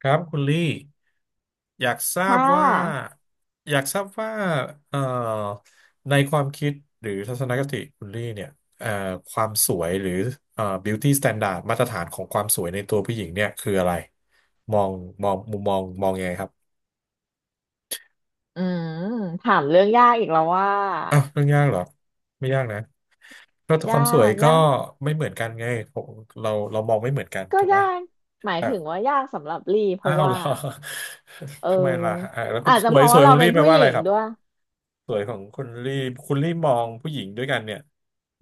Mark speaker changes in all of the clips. Speaker 1: ครับคุณลี่อยากทรา
Speaker 2: ค่
Speaker 1: บว่า
Speaker 2: ะ
Speaker 1: อยากทราบว่าเอ่อในความคิดหรือทัศนคติคุณลี่เนี่ยเอ่อความสวยหรือbeauty standard มาตรฐานของความสวยในตัวผู้หญิงเนี่ยคืออะไรมองมองมุมมองมองยังไงครับ
Speaker 2: อืมถามเรื่องยากอีกแล้วว่า
Speaker 1: อ้าวเรื่องยากเหรอไม่ยากนะเพราะค
Speaker 2: ยา
Speaker 1: วามสวย
Speaker 2: ก
Speaker 1: ก็
Speaker 2: ยาก
Speaker 1: ไม่เหมือนกันไงผมเราเรามองไม่เหมือนกัน
Speaker 2: ก็
Speaker 1: ถูกปะ
Speaker 2: ยากหมาย
Speaker 1: อ้าว
Speaker 2: ถึงว่ายากสำหรับลี่เพ
Speaker 1: อ้าว
Speaker 2: ราะ
Speaker 1: เหร
Speaker 2: ว่า
Speaker 1: อ
Speaker 2: เออ
Speaker 1: ทำไมล่ะอ่าแล้วคุณ
Speaker 2: อาจ
Speaker 1: ส
Speaker 2: จะเพ
Speaker 1: วย
Speaker 2: ราะ
Speaker 1: สว
Speaker 2: ว่า
Speaker 1: ยข
Speaker 2: เรา
Speaker 1: อง
Speaker 2: เป็
Speaker 1: ลี่
Speaker 2: น
Speaker 1: แปล
Speaker 2: ผู้
Speaker 1: ว่า
Speaker 2: หญิ
Speaker 1: อะไร
Speaker 2: ง
Speaker 1: ครับ
Speaker 2: ด้วย
Speaker 1: สวยของคุณลี่คุณลี่มองผู้หญิงด้วยกันเนี่ย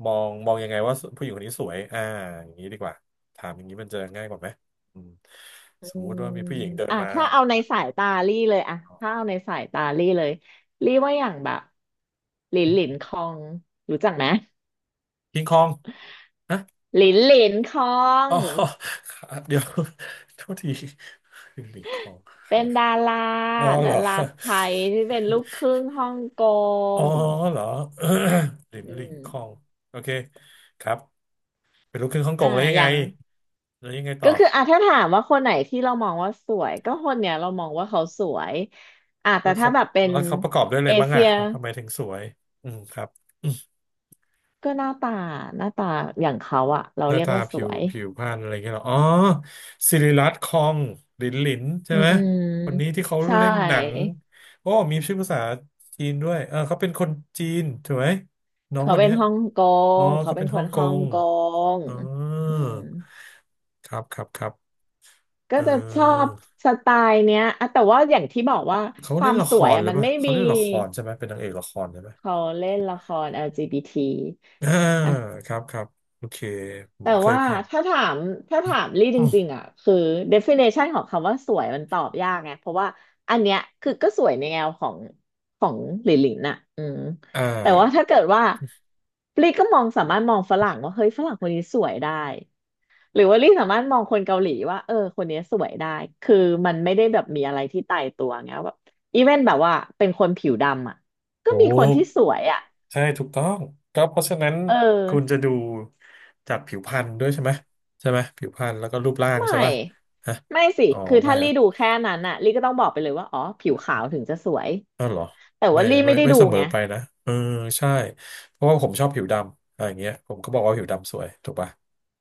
Speaker 1: มองมองยังไงว่าผู้หญิงคนนี้สวยอ่าอย่างนี้ดีกว่าถามอย่างนี้มันจะง่ายกว่าไหมอืม
Speaker 2: อื
Speaker 1: สมมุติ
Speaker 2: ม
Speaker 1: ว่ามีผู้หญิงเดิน
Speaker 2: อ่ะ
Speaker 1: มา
Speaker 2: ถ้าเอาในสายตาลี่เลยอะถ้าเอาในสายตาลี่เลยลี่ว่าอย่างแบบหลินหลินคองรู้จักไหม
Speaker 1: คิงคองฮะ
Speaker 2: หลินหลินคอง
Speaker 1: อ๋อ เดี๋ยว โทษทีลิงคอง
Speaker 2: เป็นดารา
Speaker 1: อ๋อเห
Speaker 2: ดา
Speaker 1: รอ
Speaker 2: ราไทยที่เป็นลูกครึ่งฮ่องก
Speaker 1: อ๋อ
Speaker 2: ง
Speaker 1: เหรอ ลิน
Speaker 2: อื
Speaker 1: ลิง
Speaker 2: ม
Speaker 1: คอง โอเคครับเป็นลูกครึ่งฮ่องก
Speaker 2: อ่า
Speaker 1: งแล้วยั
Speaker 2: อ
Speaker 1: งไง
Speaker 2: ย่าง
Speaker 1: แล้วยังไงต่
Speaker 2: ก็
Speaker 1: อ
Speaker 2: คืออ่ะถ้าถามว่าคนไหนที่เรามองว่าสวยก็คนเนี้ยเรามองว่าเขาสวยอ่ะ
Speaker 1: แล้
Speaker 2: แต่
Speaker 1: ว
Speaker 2: ถ้า
Speaker 1: เขา
Speaker 2: แบบเป็น
Speaker 1: แล้วเขาประกอบด้วยอะไร
Speaker 2: เอ
Speaker 1: บ้าง
Speaker 2: เชี
Speaker 1: อ่ะ
Speaker 2: ย
Speaker 1: ทำไมถึงสวยอืมครับ
Speaker 2: ก็หน้าตาอย่างเขาอ่ะเรา
Speaker 1: หน้า
Speaker 2: เรียก
Speaker 1: ตา
Speaker 2: ว่าส
Speaker 1: ผิว
Speaker 2: วย
Speaker 1: ผิวพรรณอะไรเงี้ยเหรออ๋อศิริรัตน์คองหลินหลินใช่
Speaker 2: อื
Speaker 1: ไหม
Speaker 2: ม
Speaker 1: คนนี้ที่เขา
Speaker 2: ใช่
Speaker 1: เล่นหนังโอ้มีชื่อภาษาจีนด้วยเออเขาเป็นคนจีนถูกไหมน้อง
Speaker 2: เขา
Speaker 1: คน
Speaker 2: เป็น
Speaker 1: เนี้ย
Speaker 2: ฮ่องก
Speaker 1: อ๋อ
Speaker 2: งเขา
Speaker 1: เขา
Speaker 2: เป็
Speaker 1: เป็
Speaker 2: น
Speaker 1: น
Speaker 2: ค
Speaker 1: ฮ่อ
Speaker 2: น
Speaker 1: งก
Speaker 2: ฮ่อง
Speaker 1: ง
Speaker 2: กง
Speaker 1: อ๋อ
Speaker 2: อืม
Speaker 1: ครับครับครับ
Speaker 2: ก็
Speaker 1: เอ
Speaker 2: จะชอบ
Speaker 1: อ
Speaker 2: สไตล์เนี้ยอ่ะแต่ว่าอย่างที่บอกว่า
Speaker 1: เขา
Speaker 2: ควา
Speaker 1: เล่น
Speaker 2: ม
Speaker 1: ละ
Speaker 2: ส
Speaker 1: ค
Speaker 2: วย
Speaker 1: ร
Speaker 2: อะ
Speaker 1: หรือ
Speaker 2: มัน
Speaker 1: เปล่า
Speaker 2: ไม่
Speaker 1: เขา
Speaker 2: มี
Speaker 1: เล่นละครใช่ไหมเป็นนางเอกละครใช่ไหม
Speaker 2: เขาเล่นละคร LGBT อลจีบี
Speaker 1: อ่า
Speaker 2: ทีอ่ะ
Speaker 1: ครับครับโอเคเหมื
Speaker 2: แต่
Speaker 1: อนเคย
Speaker 2: ว่า
Speaker 1: ผ่าน
Speaker 2: ถ้าถามถ้าถามลี่จ
Speaker 1: อื
Speaker 2: ริง
Speaker 1: ม
Speaker 2: ๆอ่ะคือ definition ของคำว่าสวยมันตอบยากไงเพราะว่าอันเนี้ยคือก็สวยในแนวของของหลินหลินน่ะ
Speaker 1: อ่
Speaker 2: แต่ว่า
Speaker 1: า
Speaker 2: ถ้าเกิดว่าลี่ก็มองสามารถมองฝรั่งว่าเฮ้ยฝรั่งคนนี้สวยได้หรือว่าลี่สามารถมองคนเกาหลีว่าเออคนนี้สวยได้คือมันไม่ได้แบบมีอะไรที่ตายตัวไงแบบอีเวนแบบว่าเป็นคนผิวดำอ่ะก็
Speaker 1: ถู
Speaker 2: มีคน
Speaker 1: ก
Speaker 2: ที่สวยอ่ะ
Speaker 1: ใช่ถูกต้องก็เพราะฉะนั้น
Speaker 2: เออ
Speaker 1: คุณจะดูจากผิวพรรณด้วยใช่ไหมใช่ไหมผิวพรรณแล้วก็รูปร่าง
Speaker 2: ไม่
Speaker 1: ใช่ป่ะฮะ
Speaker 2: ไม่สิ
Speaker 1: อ๋อ
Speaker 2: คือ
Speaker 1: ไม่
Speaker 2: ถ้า
Speaker 1: เหร
Speaker 2: ลี่
Speaker 1: อ
Speaker 2: ดูแค่นั้นน่ะลี่ก็ต้องบอกไปเลยว่าอ๋อผิวขาวถึงจะสวย
Speaker 1: อ้าวเหรอ
Speaker 2: แต่
Speaker 1: ไม่
Speaker 2: ว่าลี่ไม่
Speaker 1: ไม่
Speaker 2: ได้
Speaker 1: ไม่
Speaker 2: ดู
Speaker 1: เสมอ
Speaker 2: ไง
Speaker 1: ไปนะเออใช่เพราะว่าผมชอบผิวดำอะไรอย่างเงี้ยผมก็บอกว่าผิวดำสวยถูกป่ะ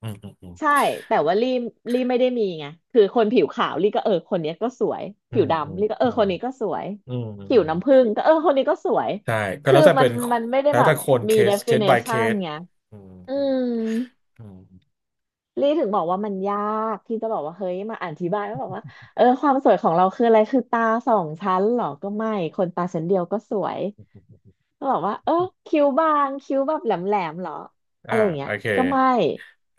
Speaker 1: อืมอืมอืม
Speaker 2: ใช่แต่ว่าลี่ไม่ได้มีไงคือคนผิวขาวลี่ก็เออคนเนี้ยก็สวย
Speaker 1: อื
Speaker 2: ผิว
Speaker 1: มอืม
Speaker 2: ดำลี่ก็เอ
Speaker 1: อื
Speaker 2: อ
Speaker 1: ม
Speaker 2: คนนี้ก็สวย
Speaker 1: อืมอืม
Speaker 2: ผิ
Speaker 1: อื
Speaker 2: ว
Speaker 1: ม
Speaker 2: น้ำผึ้งก็เออคนนี้ก็สวย
Speaker 1: ใช่ก็
Speaker 2: คื
Speaker 1: แล้
Speaker 2: อ
Speaker 1: วแต่
Speaker 2: มั
Speaker 1: เป็
Speaker 2: น
Speaker 1: น
Speaker 2: มันไม่ได้
Speaker 1: แล้ว
Speaker 2: แบ
Speaker 1: แต่
Speaker 2: บ
Speaker 1: คนเค
Speaker 2: มี
Speaker 1: สเคส by เค
Speaker 2: definition
Speaker 1: ส
Speaker 2: ไง
Speaker 1: อืม
Speaker 2: อืม
Speaker 1: อืม
Speaker 2: ลี่ถึงบอกว่ามันยากที่จะบอกว่าเฮ้ยมาอธิบายว่าแบบว่าเออความสวยของเราคืออะไรคือตาสองชั้นเหรอก็ไม่คนตาชั้นเดียวก็สวย
Speaker 1: อืม
Speaker 2: ก็บอกว่าเออคิ้วบางคิ้วแบบแหลมแหลมเหรอ
Speaker 1: อ่า
Speaker 2: อะไรอย่างเงี้
Speaker 1: โอ
Speaker 2: ย
Speaker 1: เค
Speaker 2: ก็ไม่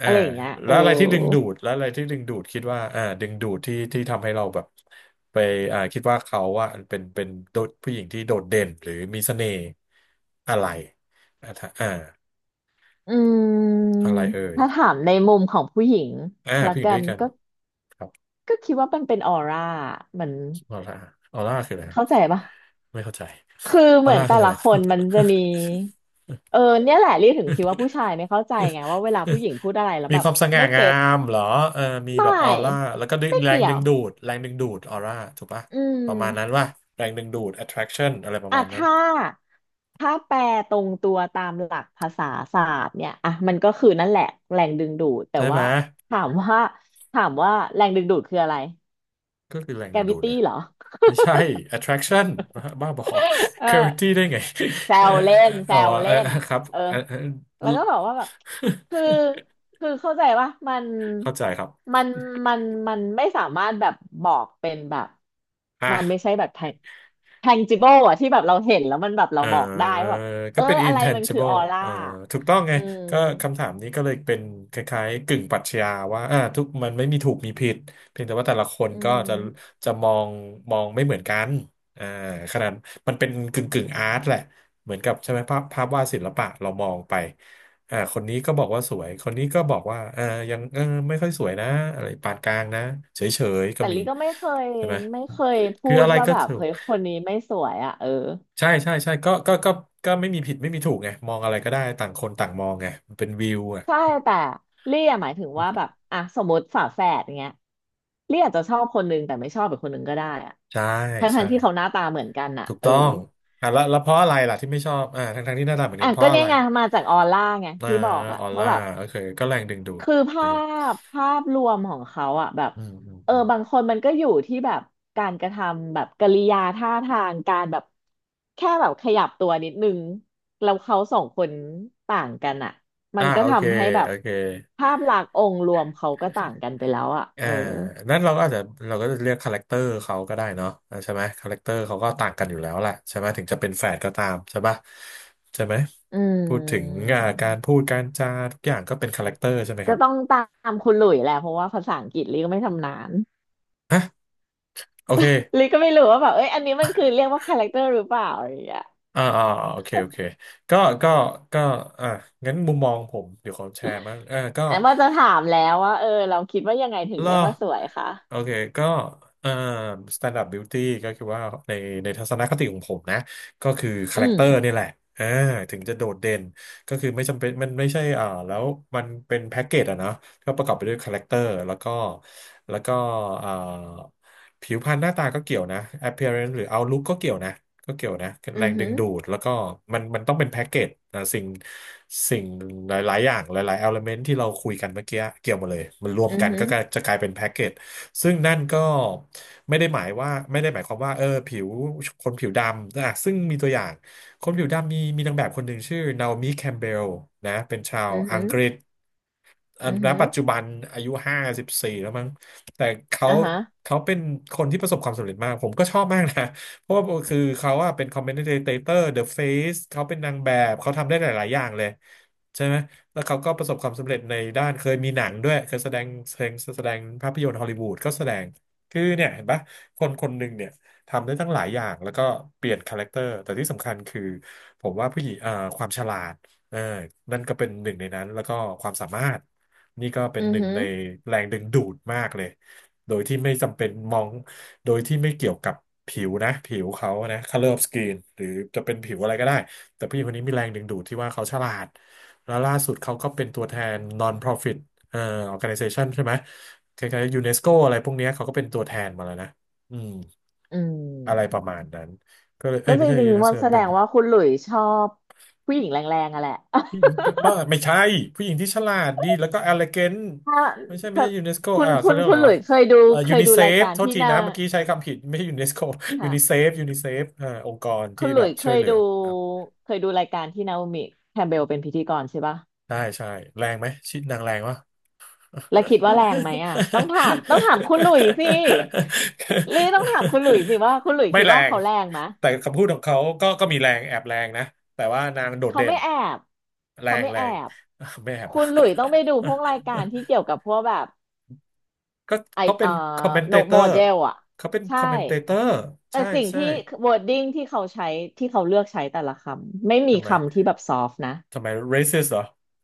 Speaker 1: อ่า
Speaker 2: อะไรอย่างเงี้ยเอ
Speaker 1: แล้
Speaker 2: อ
Speaker 1: วอะไรที่ดึงดูดแล้วอะไรที่ดึงดูดคิดว่าอ่าดึงดูดที่ที่ทำให้เราแบบไปอ่าคิดว่าเขาว่าเป็นเป็นโดดผู้หญิงที่โดดเด่นหรือมีเสน่ห์อะไรอ่าถ้าอ่า
Speaker 2: อืม
Speaker 1: อะไรเอ่ย
Speaker 2: ถ้าถามในมุมของผู้หญิง
Speaker 1: อ่า
Speaker 2: ละ
Speaker 1: ผู้หญิง
Speaker 2: กั
Speaker 1: ด้ว
Speaker 2: น
Speaker 1: ยกัน
Speaker 2: ก็
Speaker 1: ครับ
Speaker 2: ก็คิดว่ามันเป็นออร่ามัน
Speaker 1: ออร่าออร่าคืออะไรครับ
Speaker 2: เข้าใจปะ
Speaker 1: ไม่เข้าใจ
Speaker 2: คือ
Speaker 1: อ
Speaker 2: เห
Speaker 1: อ
Speaker 2: มือน
Speaker 1: ร่า
Speaker 2: แต่
Speaker 1: คืออะ
Speaker 2: ละ
Speaker 1: ไร
Speaker 2: คนมันจะมีเออเนี่ยแหละเรียกถึงคิดว่าผู้ชายไม่เข้าใจไงว่าเวลาผู้หญิงพูดอะไรแล้ ว
Speaker 1: มี
Speaker 2: แบ
Speaker 1: ค
Speaker 2: บ
Speaker 1: วามสง่า
Speaker 2: ไม่
Speaker 1: งา
Speaker 2: เก็ต
Speaker 1: มเหรอเออมี
Speaker 2: ไม
Speaker 1: แบบอ
Speaker 2: ่
Speaker 1: อร่าแล้วก็ดึง
Speaker 2: ไม่
Speaker 1: แรง
Speaker 2: เกี่ย
Speaker 1: ดึ
Speaker 2: ว
Speaker 1: งดูดแรงดึงดูดออร่าถูกปะ
Speaker 2: อืม
Speaker 1: ประมาณนั้นว่าแรงดึงดูด attraction อะไรประ
Speaker 2: อ่ะ
Speaker 1: มาณนั้น
Speaker 2: ถ้าแปลตรงตัวตามหลักภาษาศาสตร์เนี่ยอ่ะมันก็คือนั่นแหละแรงดึงดูดแต่
Speaker 1: ใช่ไหม
Speaker 2: ว่าถามว่าถามว่าแรงดึงดูดคืออะไร
Speaker 1: ก็คือแรง
Speaker 2: g ก
Speaker 1: ดึ
Speaker 2: a
Speaker 1: งดู
Speaker 2: วิ
Speaker 1: ดไง
Speaker 2: ตี้เหรอ
Speaker 1: ไม่ใช่ attraction บ้าบ้าบอ
Speaker 2: เอ อ
Speaker 1: gravity ได้ไง
Speaker 2: แซ
Speaker 1: เอ่อ
Speaker 2: วเล่นแซ
Speaker 1: อ๋อ
Speaker 2: ว
Speaker 1: เอ่
Speaker 2: เล่
Speaker 1: อ
Speaker 2: น
Speaker 1: ครับ
Speaker 2: เออ
Speaker 1: เอ่อ
Speaker 2: แล้วก็บอกว่าแบบคือคือเข้าใจว่า
Speaker 1: เข้าใจครับ
Speaker 2: มันมันมันไม่สามารถแบบบอกเป็นแบบมันไม่
Speaker 1: อ่ะ
Speaker 2: ใช่แบบ tangible อะที่แบบเราเห็นแล้วมันแบบเรา
Speaker 1: อ่
Speaker 2: บอกได้
Speaker 1: า
Speaker 2: ว่าแบบเอ
Speaker 1: ก็
Speaker 2: อ
Speaker 1: เป็น
Speaker 2: อะไรมันคือออ
Speaker 1: intangible
Speaker 2: ร่า
Speaker 1: อ่าถูกต้องไง
Speaker 2: อืม
Speaker 1: ก็คำถามนี้ก็เลยเป็นคล้ายๆกึ่งปรัชญาว่าอ่าทุกมันไม่มีถูกมีผิดเพียงแต่ว่าแต่ละคน
Speaker 2: อื
Speaker 1: ก็จะ
Speaker 2: ม
Speaker 1: จะมองมองไม่เหมือนกันอ่าขนาดมันเป็นกึ่งกึ่งอาร์ตแหละเหมือนกับใช่ไหมภาพภาพวาดศิลปะเรามองไปอ่าคนนี้ก็บอกว่าสวยคนนี้ก็บอกว่าเออยังเออไม่ค่อยสวยนะอะไรปานกลางนะเฉยๆก็
Speaker 2: แต่
Speaker 1: มี
Speaker 2: ลิก็ไม่เคย
Speaker 1: ใช่ไหม
Speaker 2: พู
Speaker 1: คือ
Speaker 2: ด
Speaker 1: อะไร
Speaker 2: ว่า
Speaker 1: ก็
Speaker 2: แบบ
Speaker 1: ถูก
Speaker 2: เฮ้ยคนนี้ไม่สวยอ่ะเออ
Speaker 1: ใช่ใช่ใช่ก็ก็ก็ก็ไม่มีผิดไม่มีถูกไงมองอะไรก็ได้ต่างคนต่างมองไงมันเป็นวิวอ่ะ
Speaker 2: ใช่แต่ลี่อะหมายถึงว่าแบบอ่ะสมมติฝาแฝดเงี้ยลี่อาจจะชอบคนนึงแต่ไม่ชอบอีกคนนึงก็ได้อ่ะ
Speaker 1: ใช่
Speaker 2: ทั้งทั้
Speaker 1: ใช่
Speaker 2: งที่เขาหน้าตาเหมือนกันอ่ะ
Speaker 1: ถูก
Speaker 2: เออ
Speaker 1: ต้องอ่ะแล้วแล้วเพราะอะไรล่ะที่ไม่ชอบอ่าทั้งทั้งที่หน้าตาเหมือนกั
Speaker 2: อ่ะ
Speaker 1: นเพ
Speaker 2: ก็
Speaker 1: ราะอะ
Speaker 2: เนี่
Speaker 1: ไร
Speaker 2: ยไงมาจากออร่าไง
Speaker 1: อ่า
Speaker 2: ที่บอกอ่ะ
Speaker 1: ออ
Speaker 2: ว่า
Speaker 1: ร่า
Speaker 2: แบบ
Speaker 1: โอเคก็แรงดึงดูด
Speaker 2: คือ
Speaker 1: โอเค
Speaker 2: ภาพรวมของเขาอะแบบ
Speaker 1: อืมอืม
Speaker 2: เออ
Speaker 1: อืม
Speaker 2: บางคนมันก็อยู่ที่แบบการกระทำแบบกริยาท่าทางการแบบแค่แบบขยับตัวนิดนึงแล้วเขาสองคนต่างกันอะมั
Speaker 1: อ่า
Speaker 2: นก็
Speaker 1: โอเค
Speaker 2: ทำให้แบ
Speaker 1: โอ
Speaker 2: บ
Speaker 1: เค
Speaker 2: ภาพลักษณ์องค์รวมเขาก็ต่างกันไปแล้วอะ
Speaker 1: อ่า
Speaker 2: เออ
Speaker 1: นั่นเราก็อาจจะเราก็จะเรียกคาแรคเตอร์เขาก็ได้เนาะอ่าใช่ไหมคาแรคเตอร์เขาก็ต่างกันอยู่แล้วแหละใช่ไหมถึงจะเป็นแฝดก็ตามใช่ปะใช่ไหม
Speaker 2: อื
Speaker 1: พูดถึง
Speaker 2: ม
Speaker 1: อ่าการพูดการจาทุกอย่างก็เป็นคาแรคเตอร์ใช่ไหมค
Speaker 2: ก็
Speaker 1: รับ
Speaker 2: ต้องตามคุณหลุยแหละเพราะว่าภาษาอังกฤษลี่ก็ไม่ชำนาญ
Speaker 1: โอเค
Speaker 2: ลี่ก็ไม่รู้ว่าแบบเอ้ยอันนี้มันคือเรียกว่าคาแรคเตอร์หรือเปล่าอะไรอย่างเงี้ย
Speaker 1: อ่าอ่าโอเค โอเคก็ก็ก็อ่างั้นมุมมองผม เดี๋ยวขอแชร์บ้างอ่าก็
Speaker 2: แอมว่าจะถามแล้วว่าเออเราคิดว่ายังไงถึง
Speaker 1: ล่
Speaker 2: เรี
Speaker 1: อ
Speaker 2: ยกว่าสวยคะ
Speaker 1: โอเค ก็เอ่อ standard beauty ก็คือว่าในในทัศนคติของผมนะ ก็คือคา
Speaker 2: อื
Speaker 1: แรค
Speaker 2: ม
Speaker 1: เตอร์นี่แหละอ่าถึงจะโดดเด่น ก็คือไม่จำเป็นมันไม่ใช่อ่าแล้วมันเป็นแพ็กเกจอะนะ ก็ประกอบไปด้วยคาแรคเตอร์แล้วก็แล้วก็เอ่อผิวพรรณหน้าตาก็เกี่ยวนะ appearance หรือ outlook ก็เกี่ยวนะก็เกี่ยวนะ
Speaker 2: อื
Speaker 1: แร
Speaker 2: อ
Speaker 1: งดึ
Speaker 2: หื
Speaker 1: ง
Speaker 2: อ
Speaker 1: ดูดแล้วก็มันมันต้องเป็นแพ็กเกจนะสิ่งสิ่งหลายๆอย่างหลายๆ element ที่เราคุยกันเมื่อกี้เกี่ยวหมาเลยมันรวม
Speaker 2: อือ
Speaker 1: กัน
Speaker 2: หื
Speaker 1: ก็
Speaker 2: อ
Speaker 1: จะกลายเป็นแพ็กเกจซึ่งนั่นก็ไม่ได้หมายว่าไม่ได้หมายความว่าผิวคนผิวดำนะซึ่งมีตัวอย่างคนผิวดำมีนางแบบคนหนึ่งชื่อนาโอมิแคมเบลนะเป็นชาว
Speaker 2: อือ
Speaker 1: อั
Speaker 2: หื
Speaker 1: ง
Speaker 2: อ
Speaker 1: กฤษ
Speaker 2: อือ
Speaker 1: ณ
Speaker 2: หือ
Speaker 1: ปัจจุบันอายุ54แล้วมั้งแต่เขา
Speaker 2: อ่ะฮะ
Speaker 1: เขาเป็นคนที่ประสบความสำเร็จมากผมก็ชอบมากนะ เพราะว่าคือเขาอะเป็น commentator The Face เขาเป็นนางแบบเขาทำได้หลายๆอย่างเลยใช่ไหมแล้วเขาก็ประสบความสำเร็จในด้านเคยมีหนังด้วยเคยแสดงภาพยนตร์ฮอลลีวูดก็แสดงคือเนี่ยเห็นปะคนคนหนึ่งเนี่ยทำได้ตั้งหลายอย่างแล้วก็เปลี่ยนคาแรคเตอร์แต่ที่สำคัญคือผมว่าผู้หญิงความฉลาด เออนั่นก็เป็นหนึ่งในนั้นแล้วก็ความสามารถ นี่ก็เป็
Speaker 2: อื
Speaker 1: น
Speaker 2: อ
Speaker 1: หนึ่ง
Speaker 2: หือ
Speaker 1: ในแรงดึงดูดมากเลย โดยที่ไม่จำเป็นมอง โดยที่ไม่เกี่ยวกับผิวนะผิวเขานะ color of skin หรือจะเป็นผิวอะไรก็ได้แต่ผู้หญิงคนนี้มีแรงดึงดูดที่ว่าเขาฉลาดแล้วล่าสุดเขาก็เป็นตัวแทน non-profit เอ่อ organization ใช่ไหมคล้ายๆยูเนสโกอะไรพวกเนี้ยเขาก็เป็นตัวแทนมาแล้วนะอืม
Speaker 2: อื
Speaker 1: อะไรป
Speaker 2: ม
Speaker 1: ระมาณนั้นก็เลยเอ้
Speaker 2: ก็
Speaker 1: ย
Speaker 2: จ
Speaker 1: ไม่ใช่
Speaker 2: ริง
Speaker 1: ยูเน
Speaker 2: ๆ
Speaker 1: ส
Speaker 2: มัน
Speaker 1: โก
Speaker 2: แสด
Speaker 1: เป็น
Speaker 2: งว่าคุณหลุยชอบผู้หญิงแรงๆอะแหละ
Speaker 1: ผู้หญิงบ้าไม่ใช่ผู้หญิงที่ฉลาดดีแล้วก็ e l ล e ก a น t
Speaker 2: ถ้า
Speaker 1: ไม่ใช่ไม่
Speaker 2: ถ้า
Speaker 1: ใช่ยูเนสโกเขาเรียก
Speaker 2: คุ
Speaker 1: อะ
Speaker 2: ณ
Speaker 1: ไร
Speaker 2: หลุ
Speaker 1: วะ
Speaker 2: ยเคยดูเค
Speaker 1: ยู
Speaker 2: ย
Speaker 1: นิ
Speaker 2: ดู
Speaker 1: เซ
Speaker 2: ราย
Speaker 1: ฟ
Speaker 2: การ
Speaker 1: โทษ
Speaker 2: ที่
Speaker 1: ที
Speaker 2: นา
Speaker 1: นะเมื่อกี้ใช้คำผิดไม่ใช่ยูเนสโกยูนิเซ
Speaker 2: ค่ะ
Speaker 1: ฟยูนิเซฟ องค์กร
Speaker 2: คุ
Speaker 1: ที่
Speaker 2: ณหลุ
Speaker 1: แบบ
Speaker 2: ยเค
Speaker 1: ช่วย
Speaker 2: ย
Speaker 1: เหลือ
Speaker 2: ดู
Speaker 1: อ่ะ
Speaker 2: รายการที่นาโอมิแคมเบลเป็นพิธีกรใช่ปะ
Speaker 1: ใช่ใช่แรงไหมชิดนางแรงวะ
Speaker 2: แล้วคิดว่าแรงไหมอ่ะต้อง ถามคุณหลุยสิลี่ต้องถามคุณหลุยสิว่าคุณหลุย
Speaker 1: ไม่
Speaker 2: คิด
Speaker 1: แร
Speaker 2: ว่า
Speaker 1: ง
Speaker 2: เขาแรงไหม
Speaker 1: แต่คำพูดของเขาก็มีแรงแอบแรงนะแต่ว่านางโดด
Speaker 2: เขา
Speaker 1: เด่น
Speaker 2: ไม่แอบ
Speaker 1: แร
Speaker 2: เขา
Speaker 1: ง
Speaker 2: ไม่
Speaker 1: แร
Speaker 2: แอ
Speaker 1: ง
Speaker 2: บ
Speaker 1: ไม่แอบ
Speaker 2: คุ
Speaker 1: อะ
Speaker 2: ณหลุยต้องไปดูพวกรายการที่เกี่ยวกับพวกแบบ
Speaker 1: ก็
Speaker 2: ไอ
Speaker 1: เขาเป็นคอมเมนเต
Speaker 2: โน
Speaker 1: เตอ
Speaker 2: โม
Speaker 1: ร์
Speaker 2: เดลอ่ะ
Speaker 1: เขาเป็นค
Speaker 2: ใช่
Speaker 1: อมเมนเตเตอร์
Speaker 2: แต่
Speaker 1: ใช่
Speaker 2: สิ่ง
Speaker 1: ใช่
Speaker 2: ที่ wording ที่เขาใช้ที่เขาเลือกใช้แต่ละคำไม่มี
Speaker 1: ทำไม
Speaker 2: คำที่แบบ soft นะ
Speaker 1: ทำไม racist เหรอ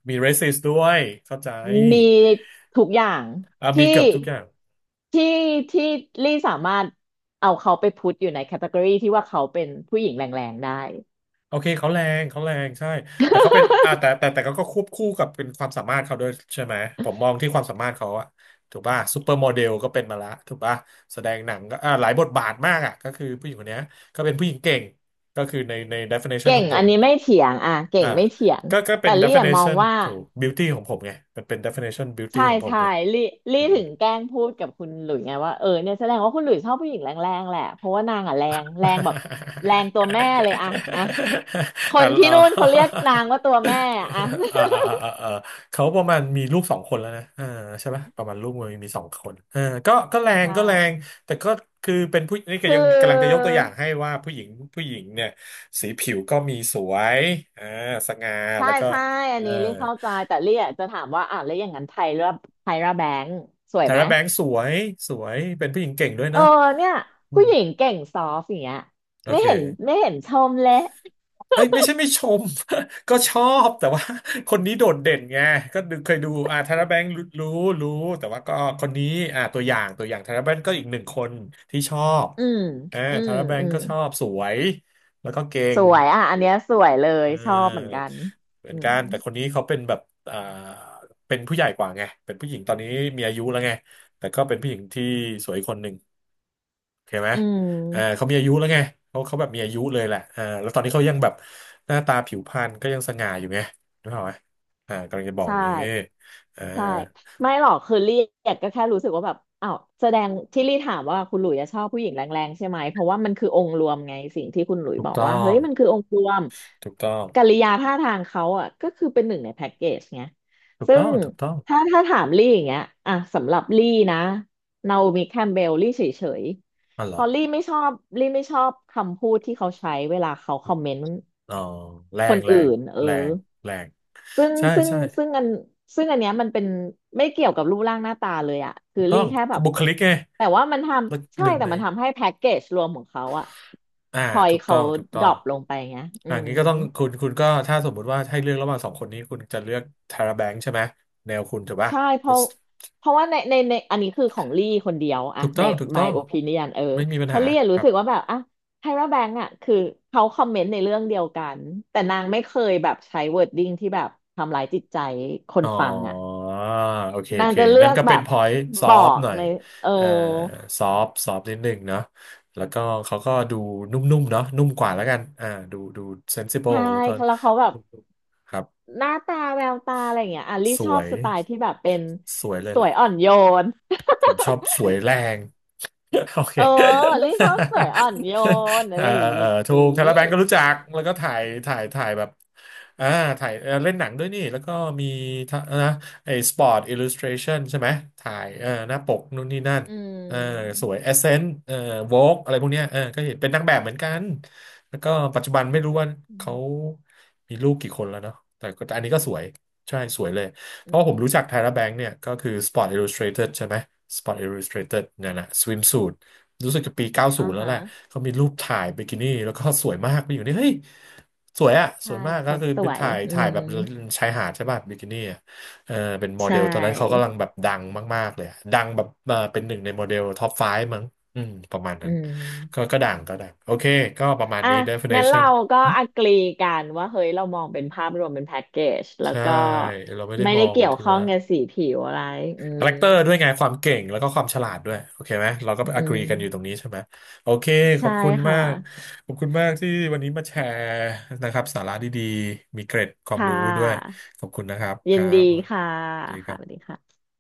Speaker 1: มี racist ด้วยเข้าใจ
Speaker 2: มีทุกอย่าง
Speaker 1: อ่ะมี
Speaker 2: ที่
Speaker 1: เกือบทุกอย่าง
Speaker 2: ที่ที่ลี่สามารถเอาเขาไปพุทอยู่ในแคตตากรีที่ว่าเขาเป็นผู้หญิงแรงๆได้
Speaker 1: โอเคเขาแรงเขาแรงใช่แต่เขาเป็นอ่ะแต่แต่แต่เขาก็ควบคู่กับเป็นความสามารถเขาด้วยใช่ไหมผมมองที่ความสามารถเขาอะถูกป่ะซูเปอร์โมเดลก็เป็นมาละถูกป่ะแสดงหนังก็อ่ะหลายบทบาทมากอะก็คือผู้หญิงคนเนี้ยก็เป็นผู้หญิงเก่งก็คือใน definition
Speaker 2: เก่
Speaker 1: ขอ
Speaker 2: ง
Speaker 1: งผ
Speaker 2: อัน
Speaker 1: ม
Speaker 2: นี้ไม่เถียงอ่ะเก่
Speaker 1: อ่า
Speaker 2: งไม่เถียง
Speaker 1: ก็เป็
Speaker 2: แต่
Speaker 1: น
Speaker 2: ลี่อะมอง
Speaker 1: definition
Speaker 2: ว่า
Speaker 1: ถูก beauty ของผมไงมันเป็น definition beauty
Speaker 2: ใช่
Speaker 1: ของผม
Speaker 2: ใช่
Speaker 1: ไง
Speaker 2: ลี่ลี่
Speaker 1: อืม
Speaker 2: ถึงแกล้งพูดกับคุณหลุยไงว่าเออเนี่ยแสดงว่าคุณหลุยชอบผู้หญิงแรงๆแหละเพราะว่านางอ่ะแรงแรงแบบแรงตัวแม่เลยอ่ะอ่ะค
Speaker 1: อ่า
Speaker 2: นที่
Speaker 1: อ่า
Speaker 2: นู่นเขาเรียกนาง ว่าตัวแม่อ่ะ
Speaker 1: อ่าอ่าอ่าอ่าเขาประมาณมีลูกสองคนแล้วนะอ่าใช่ปะประมาณลูกมีสองคนก็แร ง
Speaker 2: ใช่
Speaker 1: ก็แรงแต่ก็คือเป็นผู้นี่ก็
Speaker 2: ค
Speaker 1: ยังกำลังจะยก
Speaker 2: ือ
Speaker 1: ตัวอย่างให้ว่าผู้หญิงผู้หญิงเนี่ยสีผิวก็มีสวยอ่าสง่า
Speaker 2: ใช่
Speaker 1: แล้วก็
Speaker 2: ใช่อั
Speaker 1: เออ
Speaker 2: นนี้ลี่เข้าใจแต่ลี่อะจะถามว่าอ่ะแล้วอย่างนั้นไทยร่าไทยร่าแบงค์สวย
Speaker 1: ทา
Speaker 2: ไหม
Speaker 1: ร่าแบงค์สวยสวยเป็นผู้หญิงเก่งด้วย
Speaker 2: เออ
Speaker 1: เนาะ
Speaker 2: เนี่ย
Speaker 1: อื
Speaker 2: ผู้
Speaker 1: ม
Speaker 2: หญิงเก่งซอฟต์อย่างเงี้ย
Speaker 1: โอ
Speaker 2: ไม่เห็น
Speaker 1: เค
Speaker 2: ไม่เห็นชมเลย
Speaker 1: เอ้ยไม่ใช่ไม่ชม ก็ชอบแต่ว่า คนนี้โดดเด่นไงก็ดูเคยดูธารแบงค์รู้รู้แต่ว่าก็คนนี้ตัวอย่างตัวอย่างธารแบงค์ก็อีกหนึ่งคนที่ชอบ
Speaker 2: อืม
Speaker 1: อ่า
Speaker 2: อืม
Speaker 1: ธารแบง
Speaker 2: อื
Speaker 1: ค์
Speaker 2: ม
Speaker 1: ก็ชอบสวยแล้วก็เก่
Speaker 2: ส
Speaker 1: ง
Speaker 2: วยอ่ะอันเนี้ยสวยเล
Speaker 1: เ
Speaker 2: ยชอบเหมือน
Speaker 1: ออ
Speaker 2: กัน
Speaker 1: เหมือ
Speaker 2: อื
Speaker 1: นกั
Speaker 2: ม
Speaker 1: นแต่คนนี้เขาเป็นแบบอ่าเป็นผู้ใหญ่กว่าไงเป็นผู้หญิงตอนนี้มีอายุแล้วไงแต่ก็เป็นผู้หญิงที่สวยคนหนึ่ง เข้าไหม
Speaker 2: อืม
Speaker 1: เขามีอายุแล้วไงเขาเขาแบบมีอายุเลยแหละเออแล้วตอนนี้เขายังแบบหน้าตาผิวพรรณก็ยังสง่าอยู่ไงรู้ไหมกำลังจะบอกอ
Speaker 2: ใช่
Speaker 1: ย่างงี้เออ
Speaker 2: ใช่ไม่หรอกคือลี่ยกก็แค่รู้สึกว่าแบบอ้าวแสดงที่ลี่ถามว่าคุณหลุยอะชอบผู้หญิงแรงๆใช่ไหมเพราะว่ามันคือองค์รวมไงสิ่งที่คุณหลุย
Speaker 1: ถูก
Speaker 2: บอก
Speaker 1: ต้อ
Speaker 2: ว่าเฮ้
Speaker 1: ง
Speaker 2: ยมันคือองค์รวม
Speaker 1: ถูกต้อง
Speaker 2: กิริยาท่าทางเขาอ่ะก็คือเป็นหนึ่งในแพ็กเกจไง
Speaker 1: ถูก
Speaker 2: ซึ่
Speaker 1: ต้อ
Speaker 2: ง
Speaker 1: งถูกต้อง
Speaker 2: ถ้าถามลี่อย่างเงี้ยอ่ะสำหรับลี่นะนาโอมิแคมเบลลี่เฉย
Speaker 1: อ๋อ
Speaker 2: ๆ
Speaker 1: เหร
Speaker 2: เพ
Speaker 1: อ
Speaker 2: อลี่ไม่ชอบลี่ไม่ชอบคำพูดที่เขาใช้เวลาเขาคอมเมนต์
Speaker 1: อ๋อแร
Speaker 2: ค
Speaker 1: ง
Speaker 2: น
Speaker 1: แรง
Speaker 2: อื่นเอ
Speaker 1: แร
Speaker 2: อ
Speaker 1: งแรง
Speaker 2: ซึ่ง
Speaker 1: ใช่
Speaker 2: ซึ่ง
Speaker 1: ใช่
Speaker 2: ซึ่งอันซึ่งอันเนี้ยมันเป็นไม่เกี่ยวกับรูปร่างหน้าตาเลยอะ
Speaker 1: ถู
Speaker 2: คือ
Speaker 1: กต้อ
Speaker 2: รี่
Speaker 1: ง
Speaker 2: แค่แบ
Speaker 1: ก็
Speaker 2: บ
Speaker 1: บุคลิกไง
Speaker 2: แต่ว่ามันท
Speaker 1: แล้ว
Speaker 2: ำใช่
Speaker 1: หนึ่ง
Speaker 2: แต่
Speaker 1: ใน
Speaker 2: มันทำให้แพ็กเกจรวมของเขาอะ
Speaker 1: อ่า
Speaker 2: พอย
Speaker 1: ถูกต้
Speaker 2: เขา
Speaker 1: องถูกต้อ
Speaker 2: ดร
Speaker 1: ง
Speaker 2: อปลงไปไงอืม
Speaker 1: งี้ก็ต้องคุณก็ถ้าสมมุติว่าให้เลือกระหว่างสองคนนี้คุณจะเลือกทาราแบงค์ใช่ไหมแนวคุณถูกป่ะ
Speaker 2: ใช่เพราะเพราะว่าในอันนี้คือของลี่คนเดียวอะ
Speaker 1: ถูกต้
Speaker 2: ใน
Speaker 1: องถูกต้อ
Speaker 2: my
Speaker 1: ง
Speaker 2: opinion เออ
Speaker 1: ไม่มีปัญ
Speaker 2: เพราะ
Speaker 1: หา
Speaker 2: ลี่อะ
Speaker 1: ค
Speaker 2: รู้
Speaker 1: รับ
Speaker 2: สึกว่าแบบอะไทราแบงก์อะคือเขาคอมเมนต์ในเรื่องเดียวกันแต่นางไม่เคยแบบใช้ wording ที่แบบทำร้ายจิตใจค
Speaker 1: อ๋
Speaker 2: น
Speaker 1: อ
Speaker 2: ฟังอะ
Speaker 1: โอเคโอ
Speaker 2: นาง
Speaker 1: เค
Speaker 2: จะเลื
Speaker 1: นั่
Speaker 2: อ
Speaker 1: น
Speaker 2: ก
Speaker 1: ก็
Speaker 2: แบ
Speaker 1: เป็น
Speaker 2: บ
Speaker 1: พอยต์ซอ
Speaker 2: บอ
Speaker 1: ฟ
Speaker 2: ก
Speaker 1: หน่อย
Speaker 2: ในเออ
Speaker 1: เอ่อซอฟซอฟนิดหนึ่งเนาะแล้วก็เขาก็ดูนุ่มๆเนาะนุ่มกว่าแล้วกันดูเซนซิ b บ e
Speaker 2: ใช่
Speaker 1: แล้วก็
Speaker 2: แล้วเขาแบบ
Speaker 1: นุ่มๆครับ
Speaker 2: หน้าตาแววตาอะไรอย่างเงี้ยอ่ะลี่
Speaker 1: ส
Speaker 2: ช
Speaker 1: ว
Speaker 2: อบ
Speaker 1: ย
Speaker 2: สไตล์ที่แบบเป็น
Speaker 1: สวยเลย
Speaker 2: ส
Speaker 1: แหล
Speaker 2: วยอ่อ
Speaker 1: ะ
Speaker 2: นโยน
Speaker 1: ผมชอบสวยแรง โอเค
Speaker 2: เออลี่ชอบสวยอ่อนโยน
Speaker 1: เอ่
Speaker 2: อะ
Speaker 1: อ
Speaker 2: ไรอย่างงี้
Speaker 1: ถูกทาราแบงก์ก็รู้จั
Speaker 2: อื
Speaker 1: กแล้ว
Speaker 2: ม
Speaker 1: ก็ถ่ายแบบอ่าถ่ายเล่นหนังด้วยนี่แล้วก็มีทะนะไอ้สปอร์ตอิลลูสทรชันใช่ไหมถ่ายหน้าปกนู่นนี่นั่น
Speaker 2: อื
Speaker 1: เออส
Speaker 2: ม
Speaker 1: วยเอเซนต์โวกอะไรพวกเนี้ยก็เห็นเป็นนางแบบเหมือนกันแล้วก็ปัจจุบันไม่รู้ว่า
Speaker 2: อื
Speaker 1: เขา
Speaker 2: ม
Speaker 1: มีลูกกี่คนแล้วเนาะแต่ก็แต่อันนี้ก็สวยใช่สวยเลย เพ
Speaker 2: อื
Speaker 1: ราะผม
Speaker 2: ม
Speaker 1: รู้จัก Tyra Banks เนี่ยก็คือ Sport Illustrated ใช่ไหม Sport Illustrated เนั่ยนแหะ swimsuit รู้สึกจะปี
Speaker 2: อ่า
Speaker 1: 90 แล้ว
Speaker 2: ฮะ
Speaker 1: แหละเขามีรูปถ่ายบิกินี่แล้วก็สวยมากไปอยู่นี่เฮ้ยสวยอะส
Speaker 2: ใช่
Speaker 1: วยมากก็
Speaker 2: เขา
Speaker 1: คือ
Speaker 2: ส
Speaker 1: เป็น
Speaker 2: วย
Speaker 1: ถ่าย
Speaker 2: อื
Speaker 1: ถ่าย
Speaker 2: ม
Speaker 1: แบบชายหาดใช่ป่ะบิกินี่อะเออเป็นโม
Speaker 2: ใช
Speaker 1: เดลตอนนั้นเขากำ
Speaker 2: ่
Speaker 1: ลังแบบดังมากๆเลยอะดังแบบเป็นหนึ่งในโมเดลท็อป5มั้งอืมประมาณ
Speaker 2: อื
Speaker 1: นั้นก็
Speaker 2: ม
Speaker 1: ก็ดังก็ดังโอเคก็ประมาณ
Speaker 2: อ่ะ
Speaker 1: นี้
Speaker 2: งั้นเรา
Speaker 1: definition
Speaker 2: ก็อ g ก e e กันว่าเฮ้ยเรามองเป็นภาพรวมเป็นแพ็กเกจแล้ว
Speaker 1: ใช่
Speaker 2: ก็
Speaker 1: เราไม่ได้
Speaker 2: ไม่
Speaker 1: ม
Speaker 2: ได้
Speaker 1: อง
Speaker 2: เกี่ยว
Speaker 1: ที่
Speaker 2: ข้อ
Speaker 1: ว่า
Speaker 2: งกับสีผิวอะไรอื
Speaker 1: คา
Speaker 2: ม
Speaker 1: แรคเตอร์ด้วยไงความเก่งแล้วก็ความฉลาดด้วยโอเคไหมเราก็ไป
Speaker 2: อื
Speaker 1: agree กันอยู่ตรง
Speaker 2: ม
Speaker 1: นี้ใช่ไหมโอเคขอ
Speaker 2: ใช่
Speaker 1: บคุณมา
Speaker 2: ค่ะ
Speaker 1: กขอบคุณมากที่วันนี้มาแชร์นะครับสาระดีๆมีเกร็ดความ
Speaker 2: ค่
Speaker 1: รู้ด้วย
Speaker 2: ะ
Speaker 1: ขอบคุณนะครับค
Speaker 2: ยิน
Speaker 1: รั
Speaker 2: ดี
Speaker 1: บสว
Speaker 2: ค่ะ
Speaker 1: ัสดีค
Speaker 2: ค่ะ
Speaker 1: รั
Speaker 2: สวัสดี
Speaker 1: บ
Speaker 2: ค่ะ